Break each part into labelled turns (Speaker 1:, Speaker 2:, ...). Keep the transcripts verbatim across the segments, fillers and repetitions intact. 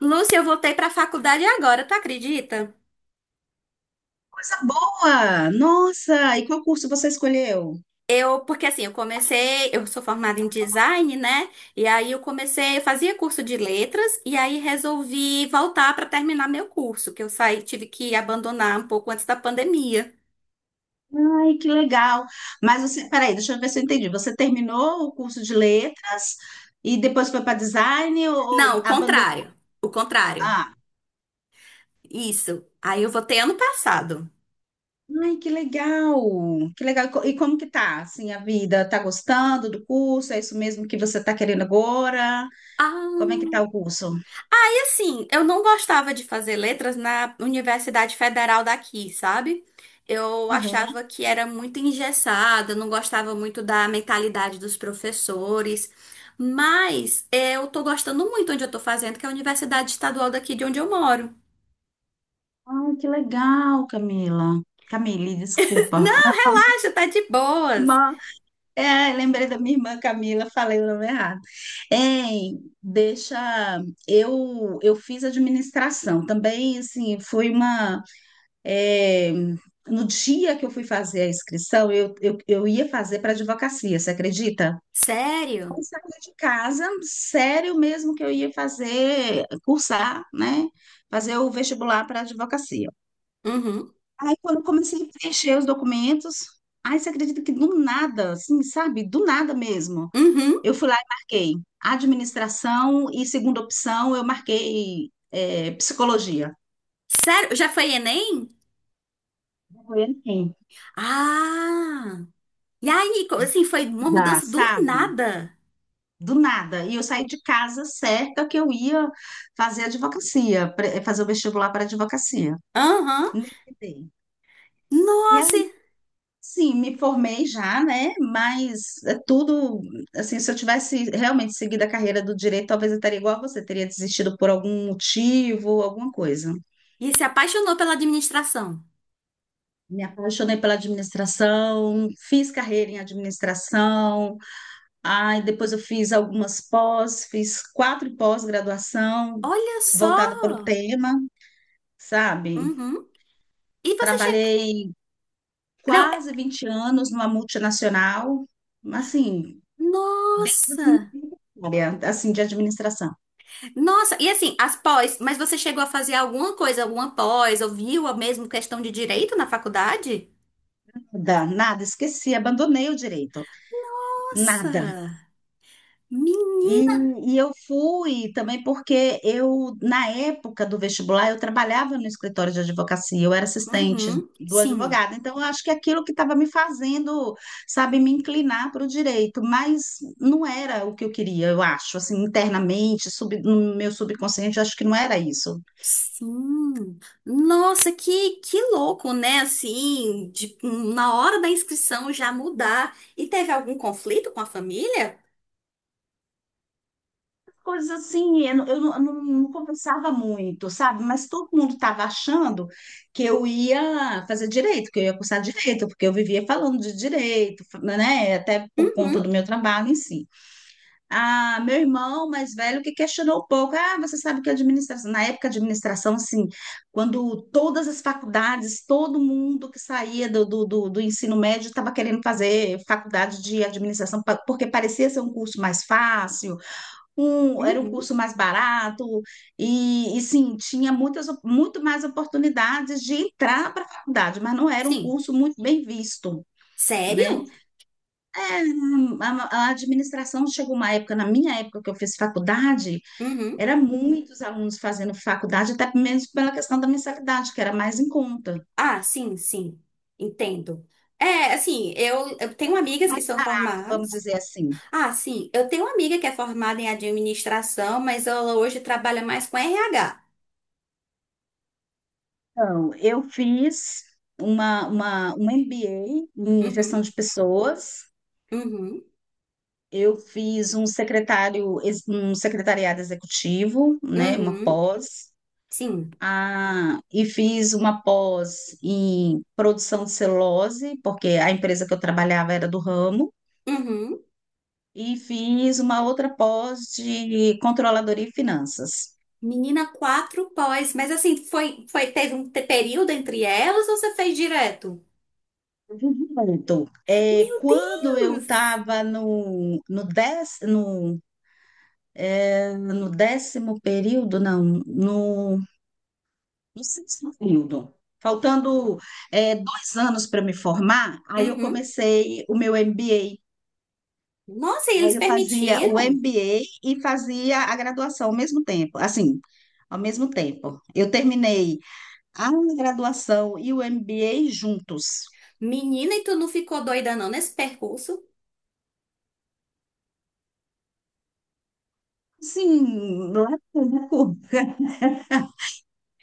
Speaker 1: Lúcia, eu voltei para a faculdade agora, tu acredita?
Speaker 2: Coisa boa! Nossa! E qual curso você escolheu?
Speaker 1: Eu, porque assim, eu comecei, Eu sou formada em design, né? E aí eu comecei, eu fazia curso de letras e aí resolvi voltar para terminar meu curso, que eu saí, tive que abandonar um pouco antes da pandemia.
Speaker 2: Ai, que legal! Mas você, peraí, deixa eu ver se eu entendi. Você terminou o curso de letras e depois foi para design ou, ou
Speaker 1: Não, o
Speaker 2: abandonou?
Speaker 1: contrário. O contrário.
Speaker 2: Ah,
Speaker 1: Isso. Aí eu voltei ano passado.
Speaker 2: ai, que legal! Que legal! E co- e como que tá, assim, a vida? Tá gostando do curso? É isso mesmo que você tá querendo agora?
Speaker 1: Ah,
Speaker 2: Como é que tá o curso?
Speaker 1: Assim, eu não gostava de fazer letras na Universidade Federal daqui, sabe? Eu
Speaker 2: Uhum.
Speaker 1: achava que era muito engessada, não gostava muito da mentalidade dos professores, mas eu tô gostando muito onde eu tô fazendo, que é a Universidade Estadual daqui de onde eu moro.
Speaker 2: Ai, que legal, Camila. Camille, desculpa.
Speaker 1: Ah, já tá de boas.
Speaker 2: É, lembrei da minha irmã Camila, falei o nome errado. Hein, deixa. Eu, eu fiz administração também, assim, foi uma. é, no dia que eu fui fazer a inscrição, eu, eu, eu ia fazer para advocacia, você acredita?
Speaker 1: Sério?
Speaker 2: Eu saí de casa, sério mesmo que eu ia fazer, cursar, né? Fazer o vestibular para advocacia.
Speaker 1: Uhum,
Speaker 2: Aí, quando eu comecei a preencher os documentos, aí você acredita que do nada, assim, sabe? Do nada mesmo.
Speaker 1: uhum.
Speaker 2: Eu fui lá e marquei administração e segunda opção eu marquei é, psicologia.
Speaker 1: Sério? Já foi Enem?
Speaker 2: Foi assim,
Speaker 1: Ah! E aí, co- assim, foi uma
Speaker 2: dá,
Speaker 1: mudança do
Speaker 2: sabe?
Speaker 1: nada.
Speaker 2: Do nada. E eu saí de casa certa que eu ia fazer advocacia, pre- fazer o vestibular para advocacia.
Speaker 1: Aham.
Speaker 2: Nem tentei. E
Speaker 1: Nossa!
Speaker 2: aí, sim, me formei já, né? Mas é tudo, assim, se eu tivesse realmente seguido a carreira do direito, talvez eu estaria igual a você, teria desistido por algum motivo, alguma coisa.
Speaker 1: E se apaixonou pela administração.
Speaker 2: Me apaixonei pela administração, fiz carreira em administração, aí depois eu fiz algumas pós, fiz quatro pós-graduação
Speaker 1: Olha só!
Speaker 2: voltada para o tema, sabe?
Speaker 1: Uhum. E você chegou.
Speaker 2: Trabalhei
Speaker 1: Não, é-
Speaker 2: quase vinte anos numa multinacional, assim, desde a
Speaker 1: nossa!
Speaker 2: minha área, assim, de administração.
Speaker 1: Nossa! E assim, as pós, mas você chegou a fazer alguma coisa, alguma pós, ou viu a mesma questão de direito na faculdade?
Speaker 2: Nada, nada, esqueci, abandonei o direito, nada.
Speaker 1: Nossa!
Speaker 2: E,
Speaker 1: Menina!
Speaker 2: e eu fui também porque eu, na época do vestibular, eu trabalhava no escritório de advocacia, eu era assistente
Speaker 1: Uhum.
Speaker 2: do
Speaker 1: Sim.
Speaker 2: advogado, então eu acho que aquilo que estava me fazendo, sabe, me inclinar para o direito, mas não era o que eu queria, eu acho, assim, internamente, sub- no meu subconsciente, eu acho que não era isso.
Speaker 1: Sim. Nossa, que, que louco, né? Assim, de- na hora da inscrição já mudar. E teve algum conflito com a família?
Speaker 2: Coisas assim, eu, não, eu não, não- não conversava muito, sabe? Mas todo mundo estava achando que eu ia fazer direito, que eu ia cursar direito, porque eu vivia falando de direito, né? Até por conta
Speaker 1: Uhum.
Speaker 2: do meu trabalho em si. Ah, meu irmão mais velho que questionou um pouco, ah, você sabe que administração, na época de administração, assim, quando todas as faculdades, todo mundo que saía do, do, do, do ensino médio estava querendo fazer faculdade de administração, pa- porque parecia ser um curso mais fácil, um, era um
Speaker 1: Uhum.
Speaker 2: curso mais barato e, e sim, tinha muitas, muito mais oportunidades de entrar para a faculdade, mas não era um
Speaker 1: Sim.
Speaker 2: curso muito bem visto. Né?
Speaker 1: Sério?
Speaker 2: A, a administração chegou uma época, na minha época que eu fiz faculdade,
Speaker 1: Uhum.
Speaker 2: era muitos alunos fazendo faculdade, até mesmo pela questão da mensalidade, que era mais em conta,
Speaker 1: Ah, sim, sim. Entendo. É, assim, eu, eu tenho amigas
Speaker 2: mais
Speaker 1: que são
Speaker 2: barato, vamos
Speaker 1: formadas.
Speaker 2: dizer assim.
Speaker 1: Ah, sim, eu tenho uma amiga que é formada em administração, mas ela hoje trabalha mais com R H.
Speaker 2: Então, eu fiz uma, uma, um M B A em gestão
Speaker 1: Uhum,
Speaker 2: de pessoas.
Speaker 1: uhum,
Speaker 2: Eu fiz um secretário, ex- um secretariado executivo, né, uma
Speaker 1: uhum,
Speaker 2: pós,
Speaker 1: sim.
Speaker 2: ah, e fiz uma pós em produção de celulose, porque a empresa que eu trabalhava era do ramo,
Speaker 1: Uhum.
Speaker 2: e fiz uma outra pós de controladoria e finanças.
Speaker 1: Menina, quatro pós, mas assim, foi, foi, teve um te- período entre elas ou você fez direto?
Speaker 2: Vivi. Muito. É,
Speaker 1: Meu
Speaker 2: quando eu
Speaker 1: Deus!
Speaker 2: estava no, no, dez, no, no décimo período, não, no no sexto período. Faltando, é, dois anos para me formar, aí eu
Speaker 1: Uhum.
Speaker 2: comecei o meu M B A.
Speaker 1: Nossa, e
Speaker 2: Aí
Speaker 1: eles
Speaker 2: eu fazia o
Speaker 1: permitiram?
Speaker 2: M B A e fazia a graduação ao mesmo tempo. Assim, ao mesmo tempo. Eu terminei a graduação e o M B A juntos.
Speaker 1: Menina, e tu não ficou doida não nesse percurso?
Speaker 2: Sim,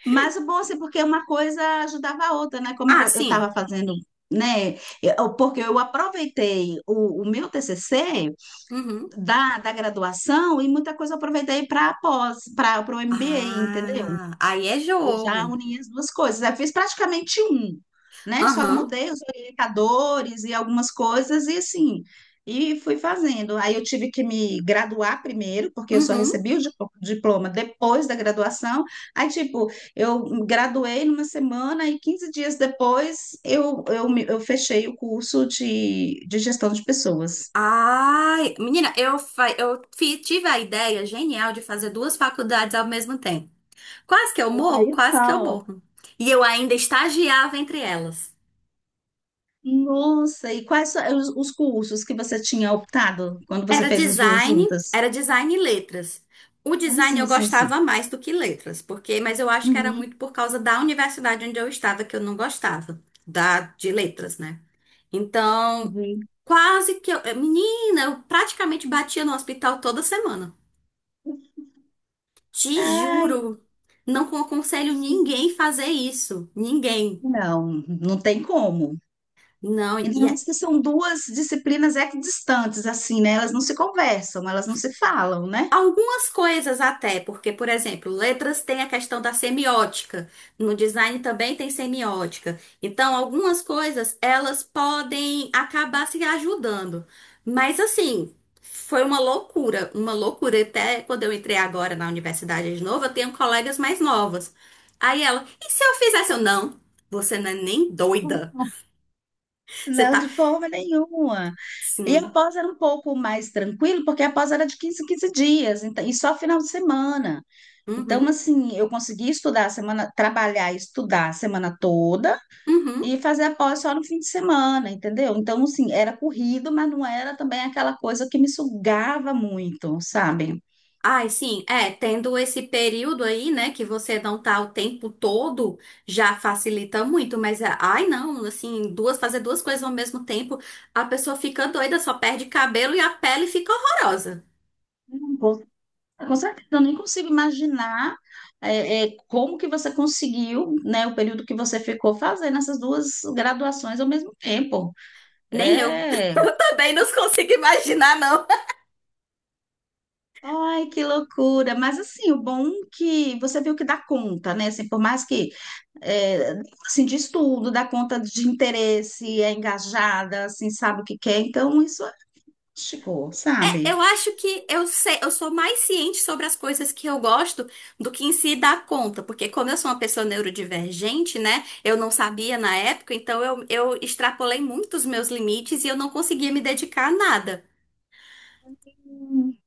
Speaker 2: mas o bom assim, porque uma coisa ajudava a outra, né? Como
Speaker 1: Ah,
Speaker 2: eu
Speaker 1: sim.
Speaker 2: estava fazendo, né? Eu- Porque eu aproveitei o, o meu T C C
Speaker 1: Uhum.
Speaker 2: da, da graduação e muita coisa eu aproveitei para pós, para o M B A, entendeu?
Speaker 1: Ah, aí é
Speaker 2: Eu já
Speaker 1: jogo.
Speaker 2: uni as duas coisas. Eu fiz praticamente um, né? Só
Speaker 1: Aham,
Speaker 2: mudei os orientadores e algumas coisas e assim, e fui fazendo. Aí eu tive que me graduar primeiro, porque eu só
Speaker 1: uhum.
Speaker 2: recebi o di- diploma depois da graduação. Aí, tipo, eu me graduei numa semana e quinze dias depois eu, eu, me- eu fechei o curso de, de gestão de pessoas.
Speaker 1: Ai, menina, eu, fa- eu fi- tive a ideia genial de fazer duas faculdades ao mesmo tempo. Quase que eu morro,
Speaker 2: Aí,
Speaker 1: quase que eu
Speaker 2: então.
Speaker 1: morro. E eu ainda estagiava entre elas.
Speaker 2: Nossa, e quais são os, os cursos que você tinha optado quando você
Speaker 1: Era
Speaker 2: fez as duas
Speaker 1: design,
Speaker 2: juntas?
Speaker 1: era design e letras. O
Speaker 2: Ah,
Speaker 1: design
Speaker 2: sim,
Speaker 1: eu
Speaker 2: sim, sim.
Speaker 1: gostava mais do que letras, porque, mas eu acho que era
Speaker 2: Uhum,
Speaker 1: muito por causa da universidade onde eu estava que eu não gostava, da de letras, né? Então,
Speaker 2: entendi.
Speaker 1: Quase que eu. Eh, Menina, eu praticamente batia no hospital toda semana. Te
Speaker 2: Ai,
Speaker 1: juro. Não aconselho ninguém fazer isso. Ninguém.
Speaker 2: não, não tem como.
Speaker 1: Não.
Speaker 2: Ainda
Speaker 1: E
Speaker 2: mais que são duas disciplinas equidistantes, assim, né? Elas não se conversam, elas não se falam, né?
Speaker 1: algumas coisas até, porque, por exemplo, letras tem a questão da semiótica, no design também tem semiótica. Então, algumas coisas elas podem acabar se ajudando. Mas assim, foi uma loucura, uma loucura. Até quando eu entrei agora na universidade de novo, eu tenho colegas mais novas. Aí ela, e se eu fizesse? Eu, não, você não é nem doida. Você
Speaker 2: Não, de
Speaker 1: tá
Speaker 2: forma nenhuma. E a
Speaker 1: sim.
Speaker 2: pós era um pouco mais tranquilo, porque a pós era de quinze, em quinze dias, então, e só final de semana. Então,
Speaker 1: Uhum,
Speaker 2: assim, eu consegui estudar a semana, trabalhar e estudar a semana toda,
Speaker 1: uhum.
Speaker 2: e fazer a pós só no fim de semana, entendeu? Então, assim, era corrido, mas não era também aquela coisa que me sugava muito, sabe?
Speaker 1: Ai, sim, é, tendo esse período aí, né, que você não tá o tempo todo, já facilita muito, mas, é, ai, não, assim, duas, fazer duas coisas ao mesmo tempo, a pessoa fica doida, só perde cabelo e a pele fica horrorosa.
Speaker 2: Não vou- Com certeza, eu nem consigo imaginar é, é, como que você conseguiu, né, o período que você ficou fazendo essas duas graduações ao mesmo tempo.
Speaker 1: Nem eu.
Speaker 2: É.
Speaker 1: Eu também não consigo imaginar, não.
Speaker 2: Ai, que loucura! Mas assim, o bom que você viu que dá conta, né? Assim, por mais que é, assim, de estudo, dá conta de interesse, é engajada, assim, sabe o que quer, então isso é chico,
Speaker 1: É,
Speaker 2: sabe?
Speaker 1: eu acho que eu sei, eu sou mais ciente sobre as coisas que eu gosto do que em si dar conta, porque como eu sou uma pessoa neurodivergente, né? Eu não sabia na época, então eu, eu extrapolei muito os meus limites e eu não conseguia me dedicar a nada.
Speaker 2: Hum,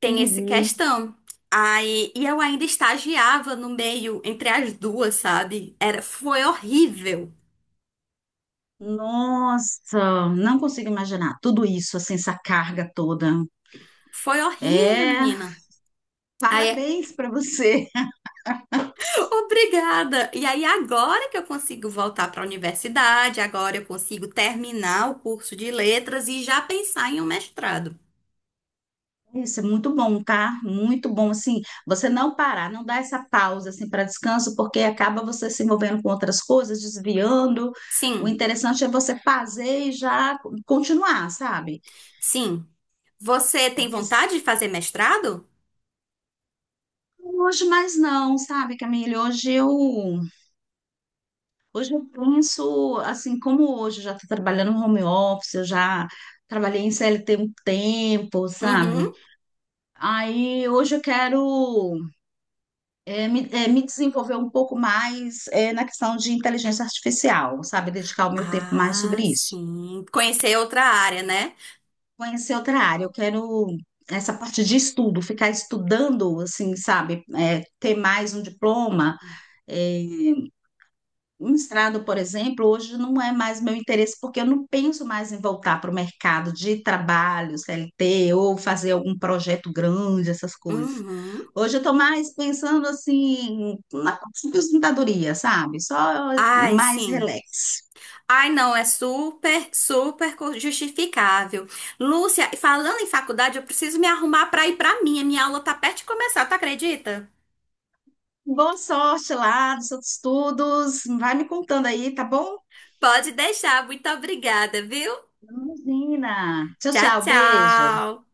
Speaker 1: Tem essa
Speaker 2: Entendi.
Speaker 1: questão. Aí, e eu ainda estagiava no meio, entre as duas, sabe? Era, foi horrível.
Speaker 2: Nossa, não consigo imaginar tudo isso, assim, essa carga toda.
Speaker 1: Foi horrível,
Speaker 2: É,
Speaker 1: menina. Aí
Speaker 2: parabéns para você.
Speaker 1: obrigada! E aí, agora que eu consigo voltar para a universidade, agora eu consigo terminar o curso de letras e já pensar em um mestrado.
Speaker 2: Isso é muito bom, tá? Muito bom, assim, você não parar, não dar essa pausa, assim, para descanso, porque acaba você se envolvendo com outras coisas, desviando. O
Speaker 1: Sim,
Speaker 2: interessante é você fazer e já continuar, sabe?
Speaker 1: sim. Você tem
Speaker 2: Porque
Speaker 1: vontade de fazer mestrado?
Speaker 2: hoje mais não, sabe, Camille? Hoje eu, hoje eu penso, assim, como hoje eu já estou trabalhando no home office, eu já trabalhei em C L T um tempo, sabe?
Speaker 1: Uhum.
Speaker 2: Aí hoje eu quero é, me, é, me desenvolver um pouco mais é, na questão de inteligência artificial, sabe? Dedicar o meu tempo mais
Speaker 1: Ah,
Speaker 2: sobre isso.
Speaker 1: sim. Conhecer outra área, né?
Speaker 2: Conhecer outra área, eu quero essa parte de estudo, ficar estudando, assim, sabe? É, ter mais um diploma. É, um mestrado, por exemplo, hoje não é mais meu interesse, porque eu não penso mais em voltar para o mercado de trabalho, C L T, ou fazer algum projeto grande, essas coisas.
Speaker 1: Uhum.
Speaker 2: Hoje eu estou mais pensando assim na aposentadoria, sabe? Só
Speaker 1: Ai,
Speaker 2: mais
Speaker 1: sim.
Speaker 2: relax.
Speaker 1: Ai, não, é super, super co- justificável. Lúcia, falando em faculdade, eu preciso me arrumar para ir para minha. Minha aula tá perto de começar, tu acredita?
Speaker 2: Boa sorte lá nos seus estudos. Vai me contando aí, tá bom?
Speaker 1: Pode deixar. Muito obrigada, viu?
Speaker 2: Imagina. Tchau,
Speaker 1: Tchau,
Speaker 2: tchau. Beijo.
Speaker 1: tchau.